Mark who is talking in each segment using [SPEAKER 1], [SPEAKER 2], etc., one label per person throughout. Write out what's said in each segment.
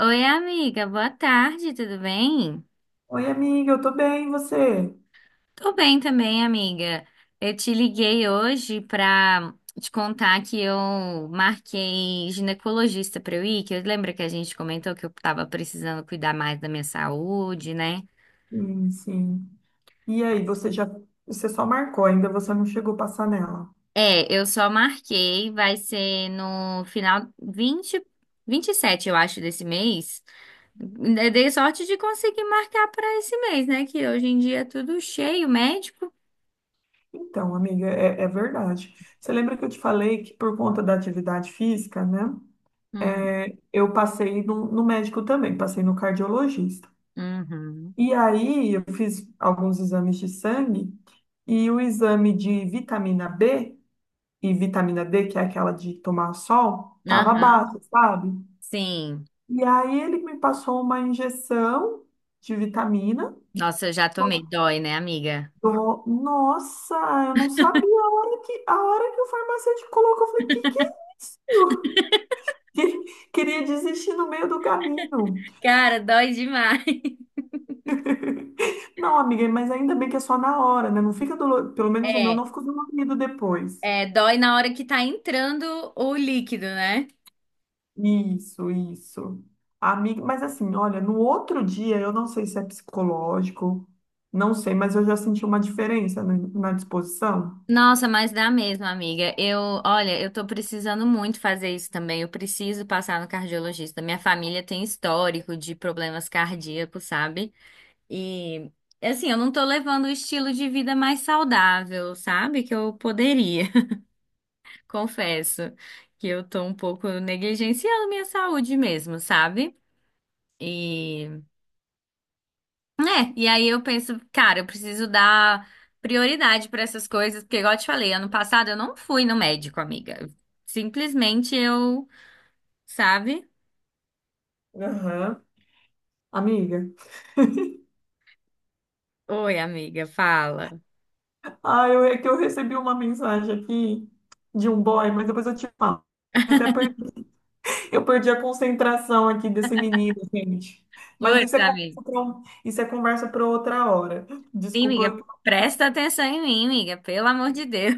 [SPEAKER 1] Oi, amiga, boa tarde, tudo bem?
[SPEAKER 2] Oi, amiga, eu tô bem, e você?
[SPEAKER 1] Tô bem também, amiga. Eu te liguei hoje pra te contar que eu marquei ginecologista pra eu ir, que eu lembro que a gente comentou que eu tava precisando cuidar mais da minha saúde, né?
[SPEAKER 2] Sim, sim. E aí, você só marcou, ainda você não chegou a passar nela.
[SPEAKER 1] É, eu só marquei, vai ser no final 27, eu acho, desse mês. Eu dei sorte de conseguir marcar pra esse mês, né? Que hoje em dia é tudo cheio, médico.
[SPEAKER 2] Então, amiga, é verdade. Você lembra que eu te falei que por conta da atividade física, né?
[SPEAKER 1] Hum.
[SPEAKER 2] Eu passei no médico também, passei no cardiologista.
[SPEAKER 1] Uhum.
[SPEAKER 2] E aí, eu fiz alguns exames de sangue e o exame de vitamina B e vitamina D, que é aquela de tomar sol, tava
[SPEAKER 1] Aham.
[SPEAKER 2] baixo, sabe?
[SPEAKER 1] Sim.
[SPEAKER 2] E aí ele me passou uma injeção de vitamina.
[SPEAKER 1] Nossa, eu já tomei. Dói, né, amiga?
[SPEAKER 2] Nossa, eu não sabia a a hora que o farmacêutico colocou. Eu falei, que é isso? Queria desistir no meio do caminho.
[SPEAKER 1] Cara, dói demais.
[SPEAKER 2] Não, amiga, mas ainda bem que é só na hora, né? Não fica dolorido. Pelo menos o meu
[SPEAKER 1] É,
[SPEAKER 2] não ficou dolorido depois.
[SPEAKER 1] é, dói na hora que tá entrando o líquido, né?
[SPEAKER 2] Isso, isso. Amiga, mas assim, olha, no outro dia, eu não sei se é psicológico, não sei, mas eu já senti uma diferença na disposição.
[SPEAKER 1] Nossa, mas dá mesmo, amiga. Olha, eu tô precisando muito fazer isso também. Eu preciso passar no cardiologista. Minha família tem histórico de problemas cardíacos, sabe? E assim, eu não tô levando o estilo de vida mais saudável, sabe? Que eu poderia. Confesso que eu tô um pouco negligenciando minha saúde mesmo, sabe? E, né, e aí eu penso, cara, eu preciso dar prioridade para essas coisas, porque igual eu te falei, ano passado eu não fui no médico, amiga. Simplesmente eu, sabe?
[SPEAKER 2] Aham. Amiga.
[SPEAKER 1] Oi, amiga, fala.
[SPEAKER 2] Ah, é que eu recebi uma mensagem aqui de um boy, mas depois eu te falo. Eu até eu perdi a concentração aqui desse menino, gente. Mas isso
[SPEAKER 1] Putz,
[SPEAKER 2] é
[SPEAKER 1] amiga.
[SPEAKER 2] conversa para isso é conversa para outra hora.
[SPEAKER 1] Sim,
[SPEAKER 2] Desculpa.
[SPEAKER 1] amiga, presta atenção em mim, amiga, pelo amor de Deus.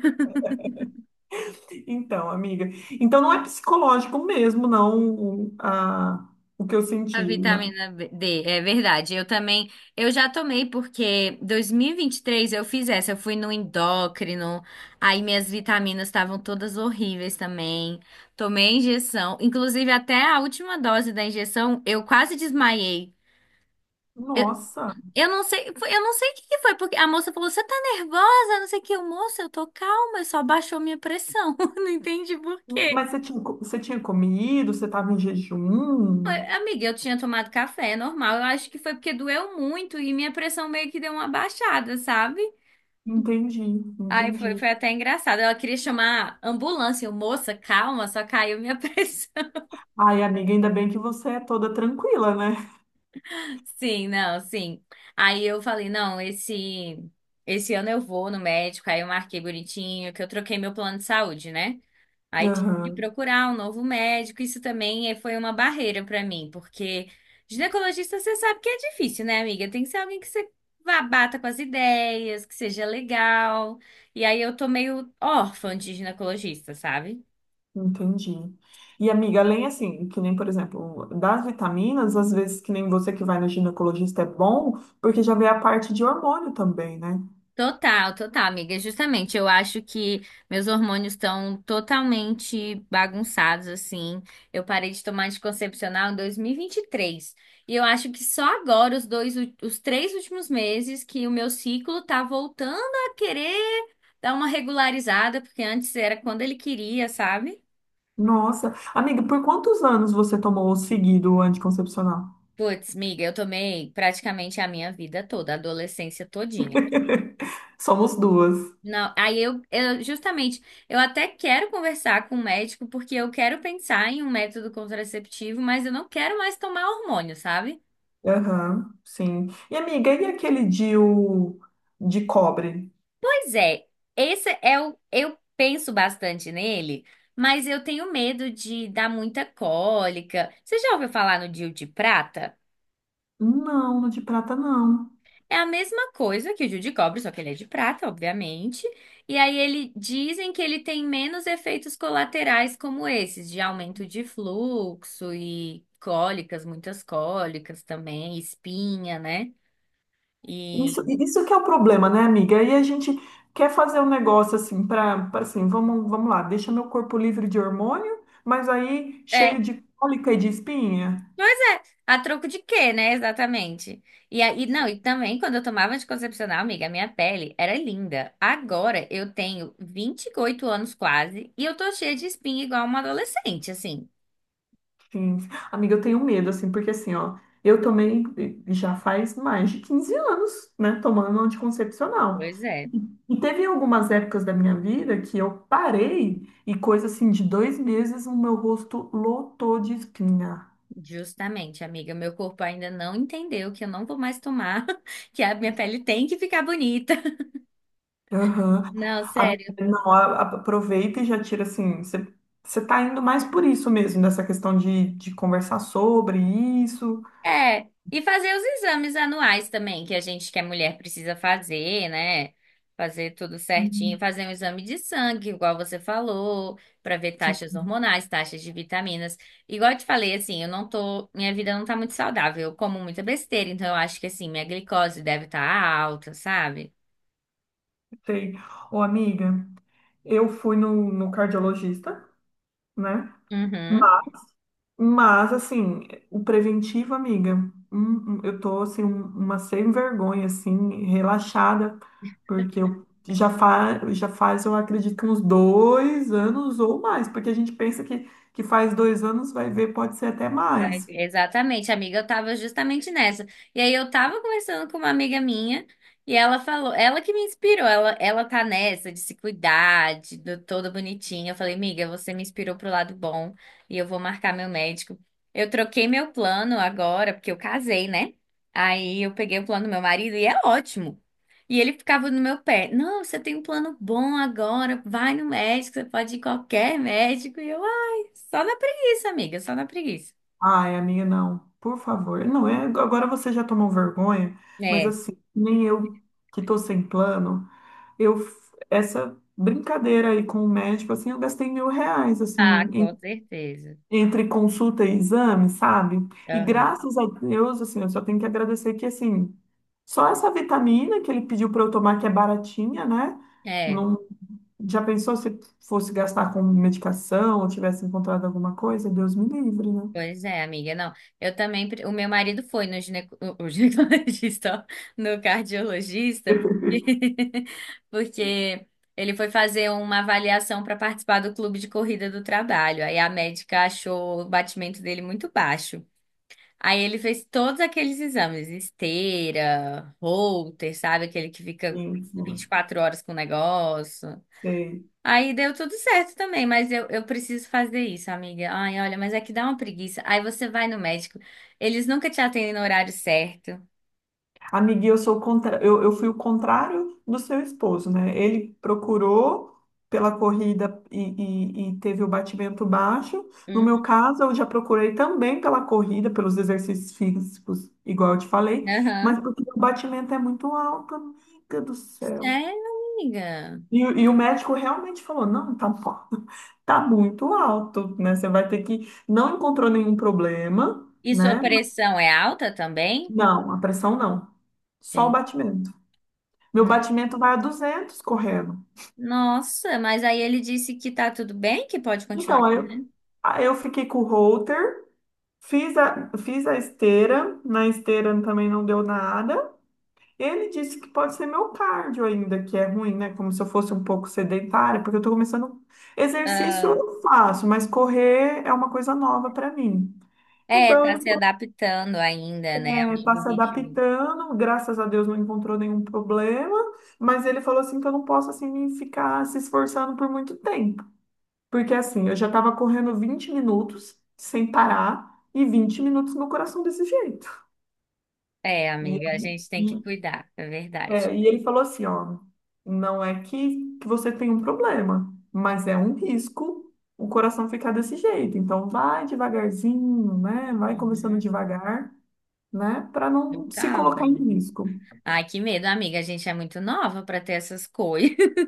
[SPEAKER 2] Então, amiga. Então não é psicológico mesmo, não, o- a, o que eu
[SPEAKER 1] A
[SPEAKER 2] senti.
[SPEAKER 1] vitamina D, é verdade. Eu também, eu já tomei porque 2023 eu fui no endócrino, aí minhas vitaminas estavam todas horríveis também. Tomei a injeção, inclusive até a última dose da injeção, eu quase desmaiei. Eu,
[SPEAKER 2] Nossa.
[SPEAKER 1] eu não sei, eu não sei o que que foi, porque a moça falou: "Você tá nervosa?" Não sei o que, eu, moça, eu tô calma, eu só baixou minha pressão. Não entendi por quê.
[SPEAKER 2] Mas você você tinha comido? Você estava em jejum?
[SPEAKER 1] Amiga, eu tinha tomado café, é normal. Eu acho que foi porque doeu muito e minha pressão meio que deu uma baixada, sabe?
[SPEAKER 2] Entendi,
[SPEAKER 1] Aí foi,
[SPEAKER 2] entendi.
[SPEAKER 1] foi até engraçado. Ela queria chamar a ambulância. Eu, moça, calma, só caiu minha pressão.
[SPEAKER 2] Ai, amiga, ainda bem que você é toda tranquila, né?
[SPEAKER 1] Sim, não, sim. Aí eu falei, não, esse ano eu vou no médico. Aí eu marquei bonitinho, que eu troquei meu plano de saúde, né? Aí tive que
[SPEAKER 2] Aham,
[SPEAKER 1] procurar um novo médico. Isso também foi uma barreira para mim, porque ginecologista você sabe que é difícil, né, amiga? Tem que ser alguém que você bata com as ideias, que seja legal. E aí eu tô meio órfã de ginecologista, sabe?
[SPEAKER 2] entendi. E, amiga, além assim, que nem, por exemplo, das vitaminas, às vezes que nem você que vai no ginecologista é bom, porque já vê a parte de hormônio também, né?
[SPEAKER 1] Total, total, amiga. Justamente, eu acho que meus hormônios estão totalmente bagunçados, assim. Eu parei de tomar anticoncepcional em dois mil e vinte e três. E eu acho que só agora, os três últimos meses, que o meu ciclo tá voltando a querer dar uma regularizada, porque antes era quando ele queria, sabe?
[SPEAKER 2] Nossa, amiga, por quantos anos você tomou seguido o anticoncepcional?
[SPEAKER 1] Puts, miga, eu tomei praticamente a minha vida toda, a adolescência todinha.
[SPEAKER 2] Somos duas.
[SPEAKER 1] Não, aí eu até quero conversar com o médico porque eu quero pensar em um método contraceptivo, mas eu não quero mais tomar hormônio, sabe?
[SPEAKER 2] Aham, sim. E, amiga, e aquele DIU de cobre?
[SPEAKER 1] Pois é, eu penso bastante nele, mas eu tenho medo de dar muita cólica. Você já ouviu falar no DIU de prata?
[SPEAKER 2] Não, no de prata não.
[SPEAKER 1] É a mesma coisa que o Gil de cobre, só que ele é de prata, obviamente. E aí ele dizem que ele tem menos efeitos colaterais como esses, de aumento de fluxo e cólicas, muitas cólicas também, espinha, né? E
[SPEAKER 2] Isso que é o problema, né, amiga? Aí a gente quer fazer um negócio assim para, assim, vamos, vamos lá, deixa meu corpo livre de hormônio, mas aí
[SPEAKER 1] é,
[SPEAKER 2] cheio de cólica e de espinha.
[SPEAKER 1] pois é, a troco de quê, né? Exatamente. E aí, não, e também quando eu tomava anticoncepcional, amiga, a minha pele era linda. Agora eu tenho 28 anos quase e eu tô cheia de espinha igual uma adolescente, assim.
[SPEAKER 2] Sim. Amiga, eu tenho medo, assim, porque assim, ó, eu tomei já faz mais de 15 anos, né, tomando anticoncepcional.
[SPEAKER 1] Pois é.
[SPEAKER 2] E teve algumas épocas da minha vida que eu parei e coisa assim de dois meses o meu rosto lotou de espinha.
[SPEAKER 1] Justamente, amiga, meu corpo ainda não entendeu que eu não vou mais tomar, que a minha pele tem que ficar bonita.
[SPEAKER 2] Aham.
[SPEAKER 1] Não,
[SPEAKER 2] A-
[SPEAKER 1] sério.
[SPEAKER 2] Não, aproveita e já tira assim. Você tá indo mais por isso mesmo, nessa questão de conversar sobre isso.
[SPEAKER 1] É, e fazer os exames anuais também, que a gente, que é mulher, precisa fazer, né? Fazer tudo certinho,
[SPEAKER 2] Uhum.
[SPEAKER 1] fazer um exame de sangue, igual você falou, para ver
[SPEAKER 2] Sim,
[SPEAKER 1] taxas hormonais, taxas de vitaminas. Igual eu te falei, assim, eu não tô, minha vida não tá muito saudável, eu como muita besteira, então eu acho que assim, minha glicose deve estar alta, sabe?
[SPEAKER 2] sei. Ô, amiga, eu fui no cardiologista, né?
[SPEAKER 1] Uhum.
[SPEAKER 2] Mas, assim, o preventivo, amiga, eu tô, assim, uma sem vergonha, assim, relaxada, porque eu já faz, eu acredito, que uns dois anos ou mais, porque a gente pensa que faz dois anos, vai ver, pode ser até mais.
[SPEAKER 1] Exatamente, amiga, eu tava justamente nessa. E aí eu tava conversando com uma amiga minha e ela falou, ela que me inspirou, ela tá nessa de se cuidar, toda bonitinha. Eu falei, amiga, você me inspirou pro lado bom e eu vou marcar meu médico. Eu troquei meu plano agora, porque eu casei, né? Aí eu peguei o plano do meu marido e é ótimo. E ele ficava no meu pé, não, você tem um plano bom agora, vai no médico, você pode ir em qualquer médico. E eu, ai, só na preguiça, amiga, só na preguiça.
[SPEAKER 2] Ai, amiga, não, por favor. Não, é, agora você já tomou vergonha, mas,
[SPEAKER 1] É,
[SPEAKER 2] assim, nem eu que tô sem plano, essa brincadeira aí com o médico, assim, eu gastei 1.000 reais, assim,
[SPEAKER 1] ah, com certeza.
[SPEAKER 2] entre consulta e exame, sabe? E
[SPEAKER 1] Aham.
[SPEAKER 2] graças a Deus, assim, eu só tenho que agradecer que, assim, só essa vitamina que ele pediu para eu tomar, que é baratinha, né?
[SPEAKER 1] É,
[SPEAKER 2] Não, já pensou se fosse gastar com medicação ou tivesse encontrado alguma coisa? Deus me livre, né?
[SPEAKER 1] pois é, amiga. Não, eu também. O meu marido foi no gineco, o ginecologista, ó, no cardiologista, porque, porque ele foi fazer uma avaliação para participar do clube de corrida do trabalho. Aí a médica achou o batimento dele muito baixo. Aí ele fez todos aqueles exames, esteira, Holter, sabe? Aquele que fica
[SPEAKER 2] Sim.
[SPEAKER 1] vinte
[SPEAKER 2] Sim.
[SPEAKER 1] e quatro horas com o negócio.
[SPEAKER 2] Sei.
[SPEAKER 1] Aí deu tudo certo também, mas eu preciso fazer isso, amiga. Ai, olha, mas é que dá uma preguiça. Aí você vai no médico, eles nunca te atendem no horário certo.
[SPEAKER 2] Amiga, eu sou o contra... eu fui o contrário do seu esposo, né? Ele procurou pela corrida e teve o batimento baixo. No
[SPEAKER 1] Uhum.
[SPEAKER 2] meu caso, eu já procurei também pela corrida, pelos exercícios físicos, igual eu te falei, mas
[SPEAKER 1] Aham.
[SPEAKER 2] porque o batimento é muito alto, amiga do céu.
[SPEAKER 1] Sério, amiga.
[SPEAKER 2] E, e o médico realmente falou: não, tá, bom, tá muito alto, né? Você vai ter que. Não encontrou nenhum problema,
[SPEAKER 1] E sua
[SPEAKER 2] né?
[SPEAKER 1] pressão é alta também?
[SPEAKER 2] Não, a pressão não, só o
[SPEAKER 1] Tem.
[SPEAKER 2] batimento. Meu batimento vai a 200 correndo.
[SPEAKER 1] Nossa, mas aí ele disse que tá tudo bem, que pode
[SPEAKER 2] Então,
[SPEAKER 1] continuar.
[SPEAKER 2] aí eu fiquei com o halter, fiz a esteira, na esteira também não deu nada. Ele disse que pode ser meu cardio ainda, que é ruim, né? Como se eu fosse um pouco sedentária, porque eu tô começando. Exercício
[SPEAKER 1] Ah,
[SPEAKER 2] eu faço, mas correr é uma coisa nova para mim.
[SPEAKER 1] é,
[SPEAKER 2] Então, ele
[SPEAKER 1] tá se adaptando ainda, né, ao
[SPEAKER 2] é, tá
[SPEAKER 1] novo
[SPEAKER 2] se
[SPEAKER 1] ritmo.
[SPEAKER 2] adaptando, graças a Deus não encontrou nenhum problema, mas ele falou assim que eu não posso assim ficar se esforçando por muito tempo. Porque assim, eu já estava correndo 20 minutos sem parar e 20 minutos no coração desse jeito.
[SPEAKER 1] É,
[SPEAKER 2] E,
[SPEAKER 1] amiga, a gente tem
[SPEAKER 2] e,
[SPEAKER 1] que cuidar, é verdade.
[SPEAKER 2] e ele falou assim, ó, não é que você tem um problema, mas é um risco o coração ficar desse jeito. Então vai devagarzinho, né? Vai começando
[SPEAKER 1] Uhum.
[SPEAKER 2] devagar, né? Para não se
[SPEAKER 1] Calma.
[SPEAKER 2] colocar em risco.
[SPEAKER 1] Ai, que medo, amiga. A gente é muito nova pra ter essas coisas.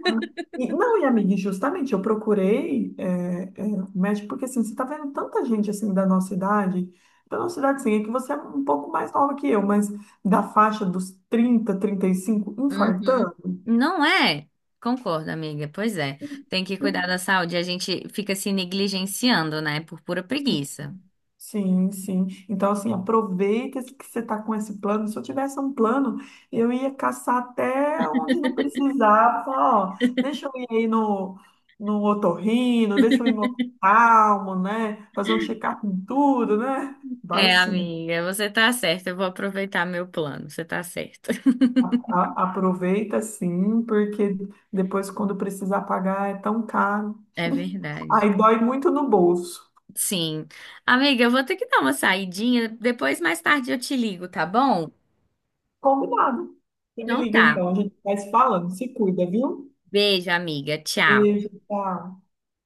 [SPEAKER 2] E, não, e amiga, e justamente eu procurei médico porque assim, você está vendo tanta gente assim da nossa idade sim, é que você é um pouco mais nova que eu, mas da faixa dos 35
[SPEAKER 1] Uhum.
[SPEAKER 2] infartando.
[SPEAKER 1] Não é? Concordo, amiga. Pois é. Tem que cuidar da saúde. A gente fica se negligenciando, né? Por pura preguiça.
[SPEAKER 2] Sim, sim. Então, assim, aproveita esse- que você está com esse plano. Se eu tivesse um plano, eu ia caçar até onde não precisava. Falar, ó, deixa eu ir aí no, no otorrino, deixa eu ir no oftalmo, né? Fazer um check-up em tudo, né? Vai
[SPEAKER 1] É,
[SPEAKER 2] sim.
[SPEAKER 1] amiga, você tá certa. Eu vou aproveitar meu plano. Você tá certa.
[SPEAKER 2] Aproveita sim, porque depois, quando precisar pagar, é tão caro.
[SPEAKER 1] É verdade.
[SPEAKER 2] Aí dói muito no bolso.
[SPEAKER 1] Sim. Amiga, eu vou ter que dar uma saidinha. Depois, mais tarde, eu te ligo, tá bom?
[SPEAKER 2] Combinado. Você me
[SPEAKER 1] Então
[SPEAKER 2] liga
[SPEAKER 1] tá.
[SPEAKER 2] então, a gente vai se falando. Se cuida, viu?
[SPEAKER 1] Beijo, amiga. Tchau.
[SPEAKER 2] Beijo, tchau.